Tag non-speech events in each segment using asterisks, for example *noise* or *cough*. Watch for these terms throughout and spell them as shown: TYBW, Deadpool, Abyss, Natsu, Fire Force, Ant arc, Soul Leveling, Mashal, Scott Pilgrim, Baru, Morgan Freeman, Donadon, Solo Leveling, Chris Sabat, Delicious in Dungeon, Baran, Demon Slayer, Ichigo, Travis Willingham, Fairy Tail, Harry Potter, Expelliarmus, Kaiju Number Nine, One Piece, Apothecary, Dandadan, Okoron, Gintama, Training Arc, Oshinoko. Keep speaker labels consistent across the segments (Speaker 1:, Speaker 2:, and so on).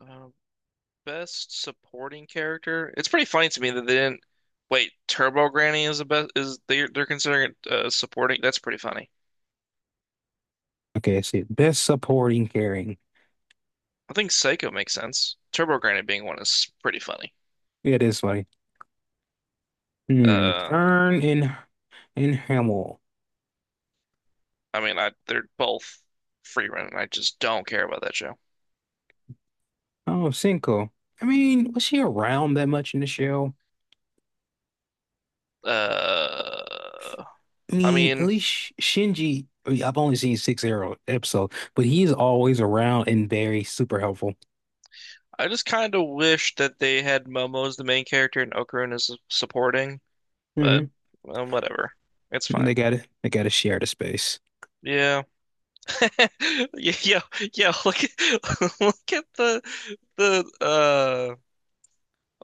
Speaker 1: Uh, Best supporting character. It's pretty funny to me that they didn't. Wait, Turbo Granny is the best. Is they're considering it supporting? That's pretty funny.
Speaker 2: Okay, I see. Best supporting caring.
Speaker 1: I think Psycho makes sense. Turbo Granny being one is pretty funny.
Speaker 2: Yeah, it is funny. Hmm.
Speaker 1: Uh,
Speaker 2: Fern and Hamill.
Speaker 1: I mean, I they're both free running. I just don't care about that show.
Speaker 2: Oh, Cinco. I mean, was she around that much in the show?
Speaker 1: Uh,
Speaker 2: I
Speaker 1: I
Speaker 2: mean, at
Speaker 1: mean,
Speaker 2: least Shinji. I mean, I've only seen six arrow episode, but he's always around and very super helpful.
Speaker 1: I just kind of wish that they had Momo as the main character and Okarun as supporting, but
Speaker 2: Mhm.
Speaker 1: whatever. It's fine.
Speaker 2: They gotta share the space.
Speaker 1: Yeah. *laughs* Yo, look at *laughs* look at the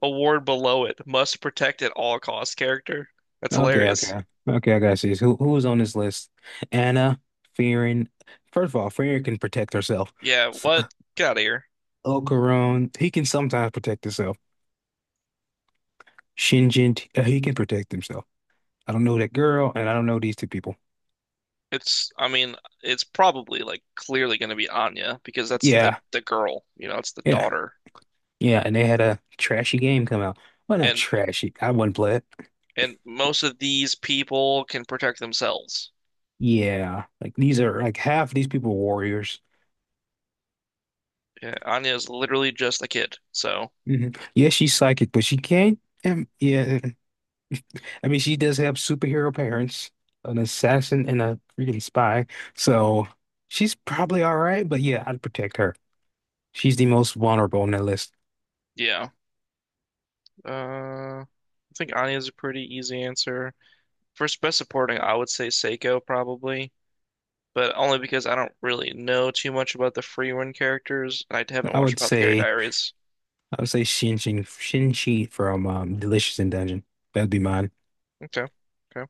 Speaker 1: award below it. Must protect at all costs character. That's
Speaker 2: Okay,
Speaker 1: hilarious.
Speaker 2: okay. Okay, I gotta see this. Who was on this list? Anna, Fearing. First of all, Fearing can protect herself.
Speaker 1: Yeah,
Speaker 2: S-
Speaker 1: what? Get out of here.
Speaker 2: Ocaron, he can sometimes protect himself. Shinjin, he can protect himself. I don't know that girl, and I don't know these two people.
Speaker 1: It's I mean, it's probably like clearly gonna be Anya because that's the
Speaker 2: Yeah,
Speaker 1: the girl, it's the
Speaker 2: yeah,
Speaker 1: daughter.
Speaker 2: yeah. And they had a trashy game come out. Well, not
Speaker 1: And
Speaker 2: trashy. I wouldn't play it.
Speaker 1: and most of these people can protect themselves.
Speaker 2: Yeah, like these are like half of these people are warriors.
Speaker 1: Yeah, Anya is literally just a kid. So,
Speaker 2: Hmm Yeah, she's psychic, but she can't. Yeah, I mean, she does have superhero parents, an assassin and a freaking spy. So she's probably all right, but yeah, I'd protect her. She's the most vulnerable on that list.
Speaker 1: yeah. I think Anya's a pretty easy answer. For best supporting, I would say Seiko probably, but only because I don't really know too much about the Freewind characters. I haven't
Speaker 2: I
Speaker 1: watched
Speaker 2: would
Speaker 1: about the Gary
Speaker 2: say
Speaker 1: Diaries.
Speaker 2: I would say Shinchi Shin from Delicious in Dungeon. That'd be mine.
Speaker 1: Okay. Okay.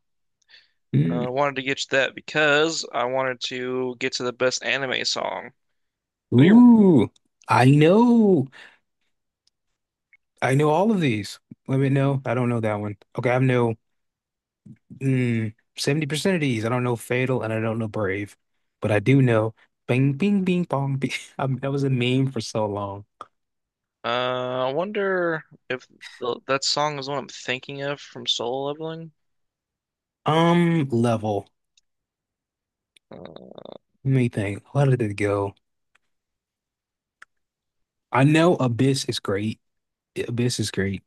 Speaker 2: Mm.
Speaker 1: I wanted to get you that because I wanted to get to the best anime song. Let me-
Speaker 2: Ooh, I know. I know all of these. Let me know. I don't know that one. Okay, I know. Mm, 70% of these. I don't know Fatal and I don't know Brave, but I do know Bing Bing Bing Bong Bing. *laughs* I mean, that was a meme for so long.
Speaker 1: I wonder if that song is what I'm thinking of from Solo Leveling.
Speaker 2: Level.
Speaker 1: Uh,
Speaker 2: Let me think. Where did it go? I know Abyss is great. Abyss is great.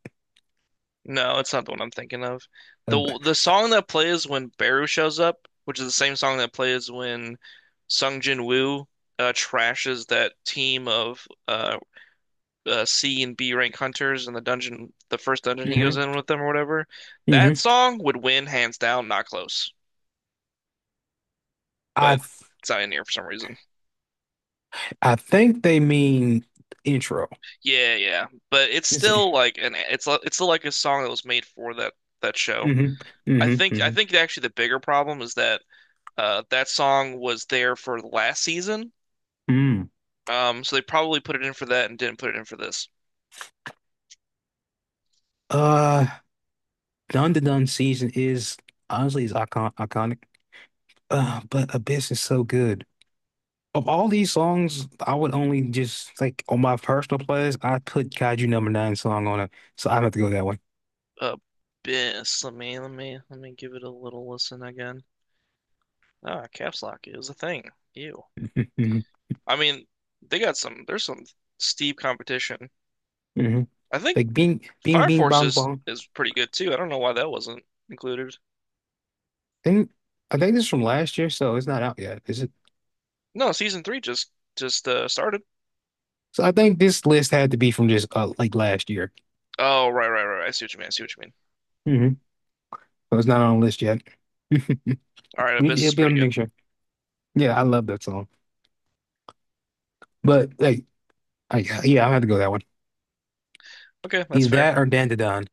Speaker 1: No, it's not the one I'm thinking of.
Speaker 2: Ab
Speaker 1: The song that plays when Baru shows up, which is the same song that plays when Sung Jin Woo trashes that team of C and B rank hunters in the dungeon, the first dungeon he goes
Speaker 2: hmm
Speaker 1: in with them or whatever. That
Speaker 2: hmm
Speaker 1: song would win hands down, not close.
Speaker 2: I
Speaker 1: But
Speaker 2: th-
Speaker 1: it's not in here for some reason.
Speaker 2: I think they mean intro.
Speaker 1: Yeah, yeah. But it's
Speaker 2: Is it?
Speaker 1: still like an it's still like a song that was made for that show.
Speaker 2: Hmm
Speaker 1: I
Speaker 2: hmm
Speaker 1: think I
Speaker 2: hmm
Speaker 1: think actually the bigger problem is that. That song was there for last season,
Speaker 2: Mm.
Speaker 1: so they probably put it in for that and didn't put it in for this.
Speaker 2: Uh, Dun Dun Dun season is honestly is iconic. But Abyss is so good. Of all these songs, I would only just like on my personal playlist, I put Kaiju Number Nine song on it, so I have to go that way.
Speaker 1: Uh, Bis. Let me give it a little listen again. Ah, caps lock is a thing. Ew.
Speaker 2: *laughs*
Speaker 1: I mean, they got some. There's some steep competition.
Speaker 2: hmm
Speaker 1: I think
Speaker 2: Like Bing, Bing,
Speaker 1: Fire
Speaker 2: Bing,
Speaker 1: Force
Speaker 2: Bong,
Speaker 1: is
Speaker 2: Bong.
Speaker 1: is pretty good too. I don't know why that wasn't included.
Speaker 2: I think I think this is from last year, so it's not out yet, is it?
Speaker 1: No, season three just started.
Speaker 2: So I think this list had to be from just like last year.
Speaker 1: Oh, right. I see what you mean. I see what you mean.
Speaker 2: Hmm So it's not on the list yet. *laughs*
Speaker 1: All right, Abyss
Speaker 2: It'll
Speaker 1: is
Speaker 2: be
Speaker 1: pretty
Speaker 2: on the
Speaker 1: good.
Speaker 2: next year. Yeah, I love that song, but like, I, yeah, I have to go that one.
Speaker 1: Okay, that's
Speaker 2: Either
Speaker 1: fair.
Speaker 2: that or Dandadan,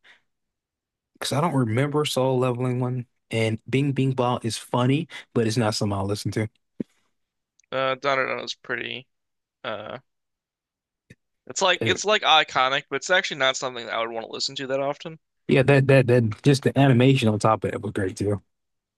Speaker 2: because I don't remember Soul Leveling one. And Bing Bing Ball is funny, but it's not something I'll listen to.
Speaker 1: Donadon is pretty uh it's like
Speaker 2: Uh,
Speaker 1: it's like iconic, but it's actually not something that I would want to listen to that often.
Speaker 2: yeah, that just the animation on top of it was great too.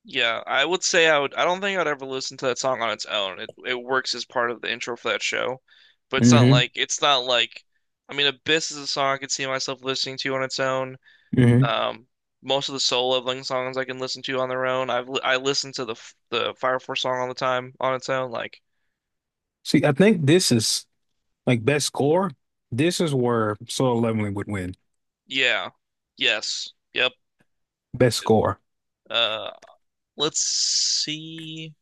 Speaker 1: Yeah, I would. I don't think I'd ever listen to that song on its own. It works as part of the intro for that show, but it's not
Speaker 2: Hmm
Speaker 1: like it's not like. I mean, Abyss is a song I could see myself listening to on its own.
Speaker 2: hmm
Speaker 1: Um, Most of the soul leveling songs I can listen to on their own. I listen to the Fire Force song all the time on its own. Like,
Speaker 2: See, I think this is like best score. This is where Soul Leveling would win.
Speaker 1: yeah, yes, yep.
Speaker 2: Best score.
Speaker 1: Uh, let's see.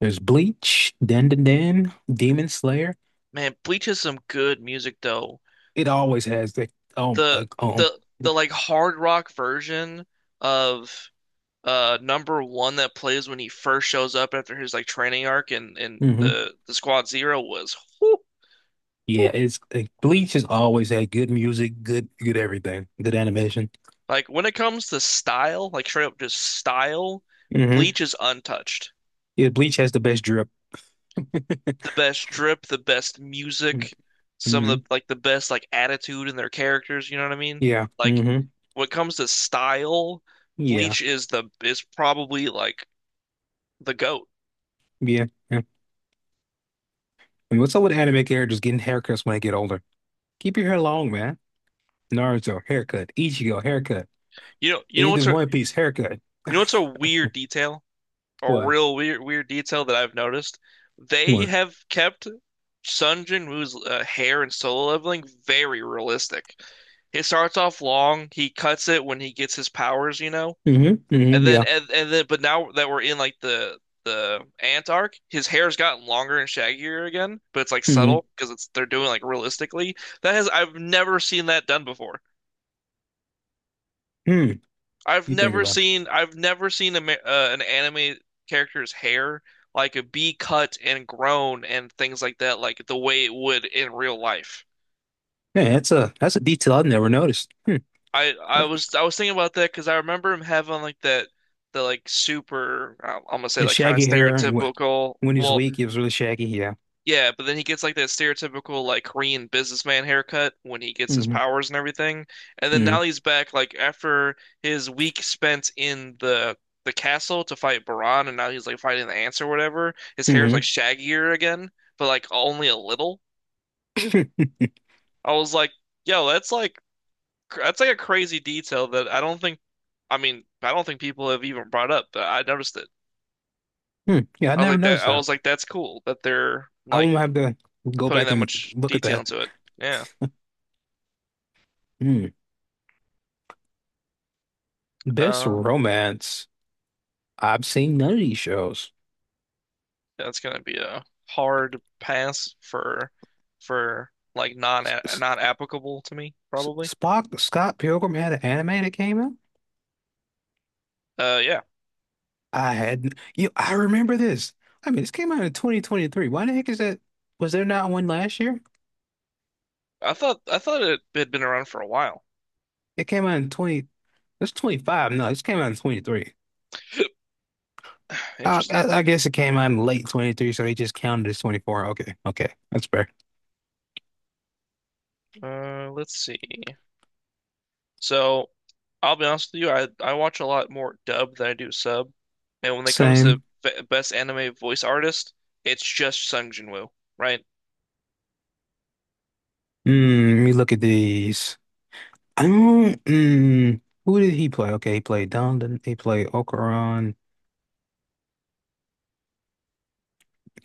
Speaker 2: There's Bleach, Dan Dan Dan, Demon Slayer.
Speaker 1: Man, Bleach has some good music though.
Speaker 2: It always has the um
Speaker 1: the
Speaker 2: uh, oh
Speaker 1: the like hard rock version of number one that plays when he first shows up after his like training arc and
Speaker 2: hmm
Speaker 1: the Squad Zero was whew, whew.
Speaker 2: yeah. It's like Bleach has always had good music, good everything, good animation.
Speaker 1: Like when it comes to style, like straight up just style,
Speaker 2: Hmm
Speaker 1: Bleach is untouched.
Speaker 2: Yeah, Bleach has the best drip.
Speaker 1: The best drip, the best music, some of the
Speaker 2: Hmm
Speaker 1: like the best like attitude in their characters, you know what I mean?
Speaker 2: Yeah.
Speaker 1: Like
Speaker 2: hmm
Speaker 1: when it comes to style,
Speaker 2: Yeah.
Speaker 1: Bleach is the is probably like the goat.
Speaker 2: Yeah. Yeah. And what's up with anime characters getting haircuts when they get older? Keep your hair long, man. Naruto, haircut. Ichigo, haircut.
Speaker 1: You know, you know
Speaker 2: End
Speaker 1: what's
Speaker 2: of One Piece, haircut.
Speaker 1: You know what's a
Speaker 2: *laughs*
Speaker 1: weird detail? A
Speaker 2: What?
Speaker 1: real weird detail that I've noticed? They
Speaker 2: What?
Speaker 1: have kept Sun Jin Woo's hair in Solo Leveling very realistic. It starts off long, he cuts it when he gets his powers, you know?
Speaker 2: Hmm
Speaker 1: And
Speaker 2: hmm
Speaker 1: then
Speaker 2: Yeah.
Speaker 1: but now that we're in like the Ant arc, his hair's gotten longer and shaggier again, but it's like
Speaker 2: hmm
Speaker 1: subtle because it's they're doing like realistically. That has I've never seen that done before.
Speaker 2: Hmm.
Speaker 1: I've
Speaker 2: You think
Speaker 1: never
Speaker 2: about it.
Speaker 1: seen I've never seen an anime character's hair like a be cut and grown and things like that like the way it would in real life.
Speaker 2: Man, that's a detail I've never noticed. Hmm.
Speaker 1: I I
Speaker 2: I-
Speaker 1: was I was thinking about that because I remember him having like that the like super I'm gonna say
Speaker 2: The
Speaker 1: like kind of
Speaker 2: shaggy hair and
Speaker 1: stereotypical
Speaker 2: when he's
Speaker 1: well
Speaker 2: weak, it was really shaggy. Yeah.
Speaker 1: yeah, but then he gets like that stereotypical like Korean businessman haircut when he gets his
Speaker 2: hmm
Speaker 1: powers and everything. And then
Speaker 2: hmm
Speaker 1: now he's back like after his week spent in the castle to fight Baran and now he's like fighting the ants or whatever. His hair's like
Speaker 2: hmm
Speaker 1: shaggier again, but like only a little.
Speaker 2: Hmm.
Speaker 1: I was like, yo, that's like that's like a crazy detail that I don't think I mean, I don't think people have even brought up, but I noticed it.
Speaker 2: Hmm. Yeah, I never noticed
Speaker 1: I
Speaker 2: that.
Speaker 1: was like that's cool that they're
Speaker 2: I
Speaker 1: like
Speaker 2: won't have to go
Speaker 1: putting
Speaker 2: back
Speaker 1: that
Speaker 2: and
Speaker 1: much
Speaker 2: look at
Speaker 1: detail
Speaker 2: that.
Speaker 1: into it. Yeah.
Speaker 2: Hmm. Best
Speaker 1: Um,
Speaker 2: romance. I've seen none of these shows.
Speaker 1: that's gonna be a hard pass for like non
Speaker 2: S-
Speaker 1: not applicable to me, probably.
Speaker 2: Spock, Scott Pilgrim had an anime that came out.
Speaker 1: Yeah.
Speaker 2: I had, you, I remember this. I mean, this came out in 2023. Why the heck is that? Was there not one last year?
Speaker 1: I thought it had been around for a while.
Speaker 2: It came out in 20, it's 25. No, this came out in 23.
Speaker 1: *sighs* Interesting.
Speaker 2: I guess it came out in late 23, so they just counted as 24. Okay, okay, that's fair.
Speaker 1: Let's see. So, I'll be honest with you. I watch a lot more dub than I do sub, and when it comes to
Speaker 2: Same.
Speaker 1: best anime voice artist, it's just Sung Jin Woo, right?
Speaker 2: Mm, let me look at these. Mm, mm. Who did he play? Okay, he played Don, he played Okoron.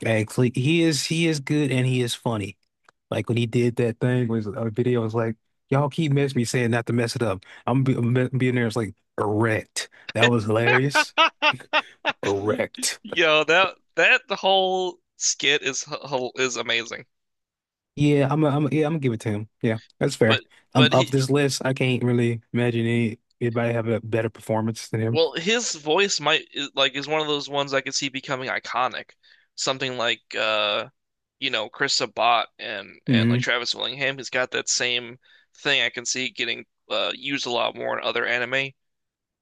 Speaker 2: Actually, he is good and he is funny. Like when he did that thing was a video was like, y'all keep messing me saying not to mess it up. Being there. It's like erect. That was hilarious.
Speaker 1: *laughs*
Speaker 2: Erect.
Speaker 1: Yo, that whole skit is is amazing.
Speaker 2: Yeah, yeah, I'm gonna give it to him. Yeah, that's fair.
Speaker 1: But
Speaker 2: I'm
Speaker 1: but
Speaker 2: up
Speaker 1: he
Speaker 2: this list. I can't really imagine anybody have a better performance than him.
Speaker 1: Well, his voice might is- like is one of those ones I could see becoming iconic. Something like you know, Chris Sabat and like
Speaker 2: Hmm
Speaker 1: Travis Willingham, he's got that same thing I can see getting used a lot more in other anime.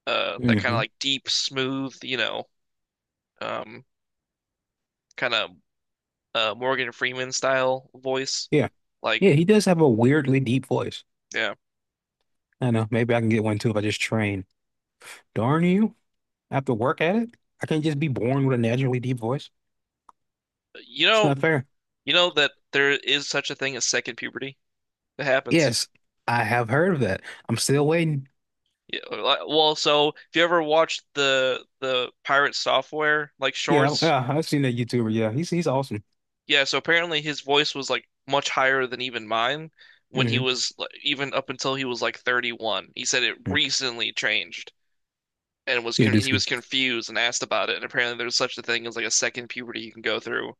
Speaker 1: That kind of
Speaker 2: hmm
Speaker 1: like deep, smooth, you know, um kind of Morgan Freeman style voice.
Speaker 2: Yeah, yeah,
Speaker 1: Like,
Speaker 2: he does have a weirdly deep voice.
Speaker 1: yeah.
Speaker 2: I know. Maybe I can get one too if I just train. Darn you. I have to work at it. I can't just be born with a naturally deep voice.
Speaker 1: You
Speaker 2: It's
Speaker 1: know,
Speaker 2: not fair.
Speaker 1: you know that there is such a thing as second puberty. It happens.
Speaker 2: Yes, I have heard of that. I'm still waiting.
Speaker 1: Yeah, well, so if you ever watched the pirate software like
Speaker 2: Yeah,
Speaker 1: shorts,
Speaker 2: yeah, I've seen that YouTuber. Yeah, he's awesome.
Speaker 1: yeah, so apparently his voice was like much higher than even mine when he
Speaker 2: Hmm
Speaker 1: was like, even up until he was like 31. He said it recently changed and was
Speaker 2: Yeah,
Speaker 1: con
Speaker 2: this
Speaker 1: he
Speaker 2: guy.
Speaker 1: was confused and asked about it. And apparently there's such a thing as like a second puberty you can go through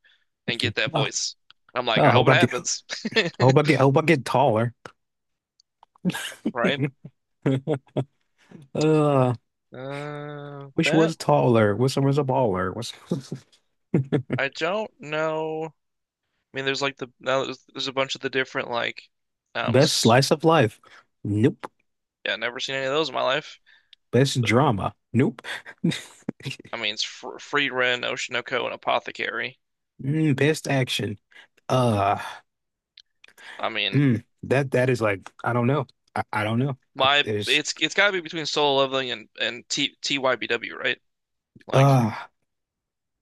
Speaker 1: and
Speaker 2: Mhm.
Speaker 1: get that
Speaker 2: Oh,
Speaker 1: voice. I'm like,
Speaker 2: I
Speaker 1: I hope
Speaker 2: hope
Speaker 1: it
Speaker 2: I get, I
Speaker 1: happens. *laughs*
Speaker 2: I hope I get taller.
Speaker 1: Right?
Speaker 2: *laughs* Uh, which
Speaker 1: That
Speaker 2: was taller. Which one was a baller. What's *laughs*
Speaker 1: I don't know. I mean, there's like the now there's a bunch of the different like, um,
Speaker 2: best
Speaker 1: s-
Speaker 2: slice of life? Nope.
Speaker 1: yeah, never seen any of those in my life.
Speaker 2: Best drama? Nope. *laughs*
Speaker 1: I mean, it's fr Free Ren, Oshinoko, and Apothecary.
Speaker 2: Mm, best action? Uh,
Speaker 1: I mean,
Speaker 2: mm, that that is like I don't know. I don't know. I,
Speaker 1: my
Speaker 2: there's
Speaker 1: it's got to be between Solo Leveling and T TYBW, right? Like
Speaker 2: Uh,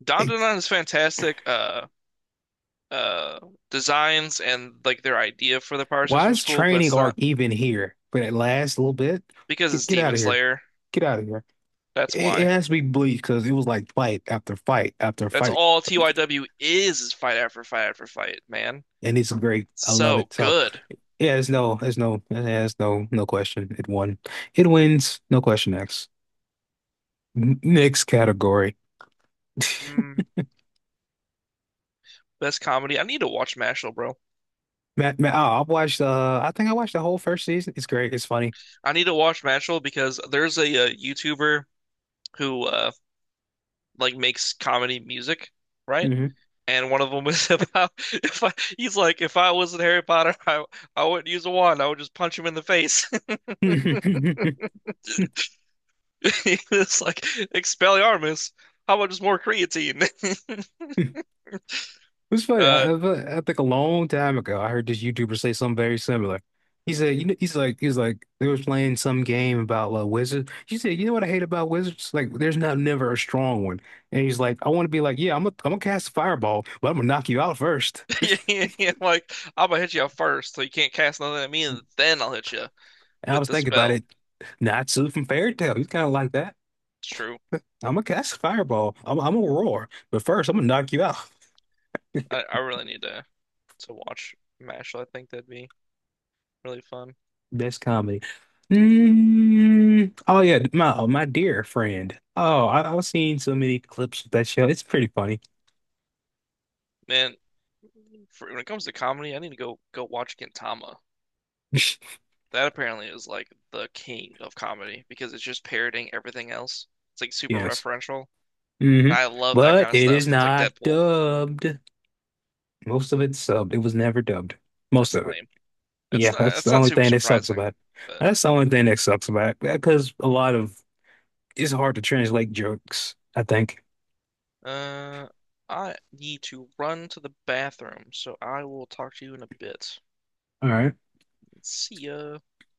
Speaker 1: Dandadan is fantastic. Uh, Designs and like their idea for the power
Speaker 2: why
Speaker 1: system's
Speaker 2: is
Speaker 1: cool, but
Speaker 2: Training
Speaker 1: it's
Speaker 2: Arc
Speaker 1: not
Speaker 2: even here for that last little bit?
Speaker 1: because it's
Speaker 2: Get out
Speaker 1: Demon
Speaker 2: of here.
Speaker 1: Slayer.
Speaker 2: Get out of here.
Speaker 1: That's
Speaker 2: It
Speaker 1: why.
Speaker 2: has to be bleak because it was like fight after fight after
Speaker 1: That's
Speaker 2: fight,
Speaker 1: all TYW is fight after fight after fight, man.
Speaker 2: and it's great. I love
Speaker 1: So
Speaker 2: it. So
Speaker 1: good.
Speaker 2: yeah, there's no, there's no, there's no, no question. It won. It wins. No question. Next, next category.
Speaker 1: Mm. Best comedy. I need to watch Mashal, bro.
Speaker 2: Oh, I've watched. I think I watched the whole first season. It's great. It's funny.
Speaker 1: I need to watch Mashal because there's a, YouTuber who like makes comedy music, right?
Speaker 2: Hmm
Speaker 1: And one of them was about *laughs* if I, he's like, if I wasn't Harry Potter, I wouldn't use a wand. I would just punch him in the face. *laughs*
Speaker 2: *laughs*
Speaker 1: It's like Expelliarmus. How about just more creatine? *laughs*
Speaker 2: It's funny.
Speaker 1: Uh,
Speaker 2: I think a long time ago, I heard this YouTuber say something very similar. He said, "You know," he's like, they was playing some game about wizards. He said, "You know what I hate about wizards? Like, there's not never a strong one." And he's like, "I want to be like, yeah, I'm gonna cast a fireball, but I'm gonna knock you out first."
Speaker 1: *laughs* yeah, yeah, like I'm gonna hit you up first, so you can't cast nothing at me, and then I'll hit you
Speaker 2: And I
Speaker 1: with
Speaker 2: was
Speaker 1: the
Speaker 2: thinking about
Speaker 1: spell.
Speaker 2: it. Natsu from Fairy Tail, he's kind of like that.
Speaker 1: It's true.
Speaker 2: I'm gonna cast a fireball. I'm gonna roar, but first I'm gonna knock you out.
Speaker 1: I really need to watch Mashal. I think that'd be really fun.
Speaker 2: Best comedy. Mm, oh yeah, my oh, my dear friend. Oh, I've seen so many clips of that show. It's pretty funny. *laughs*
Speaker 1: Man, when it comes to comedy, I need to go watch Gintama. That apparently is like the king of comedy because it's just parroting everything else. It's like super
Speaker 2: Yes.
Speaker 1: referential.
Speaker 2: hmm
Speaker 1: I love that
Speaker 2: But
Speaker 1: kind of
Speaker 2: it is
Speaker 1: stuff. It's like
Speaker 2: not
Speaker 1: Deadpool.
Speaker 2: dubbed. Most of it's subbed. It was never dubbed. Most
Speaker 1: That's
Speaker 2: of it.
Speaker 1: lame.
Speaker 2: Yeah, that's
Speaker 1: That's
Speaker 2: the
Speaker 1: not
Speaker 2: only
Speaker 1: super
Speaker 2: thing that sucks
Speaker 1: surprising.
Speaker 2: about it.
Speaker 1: But
Speaker 2: That's the only thing that sucks about it. Because a lot of it's hard to translate jokes, I think.
Speaker 1: uh I need to run to the bathroom, so I will talk to you in a bit.
Speaker 2: All right.
Speaker 1: See ya.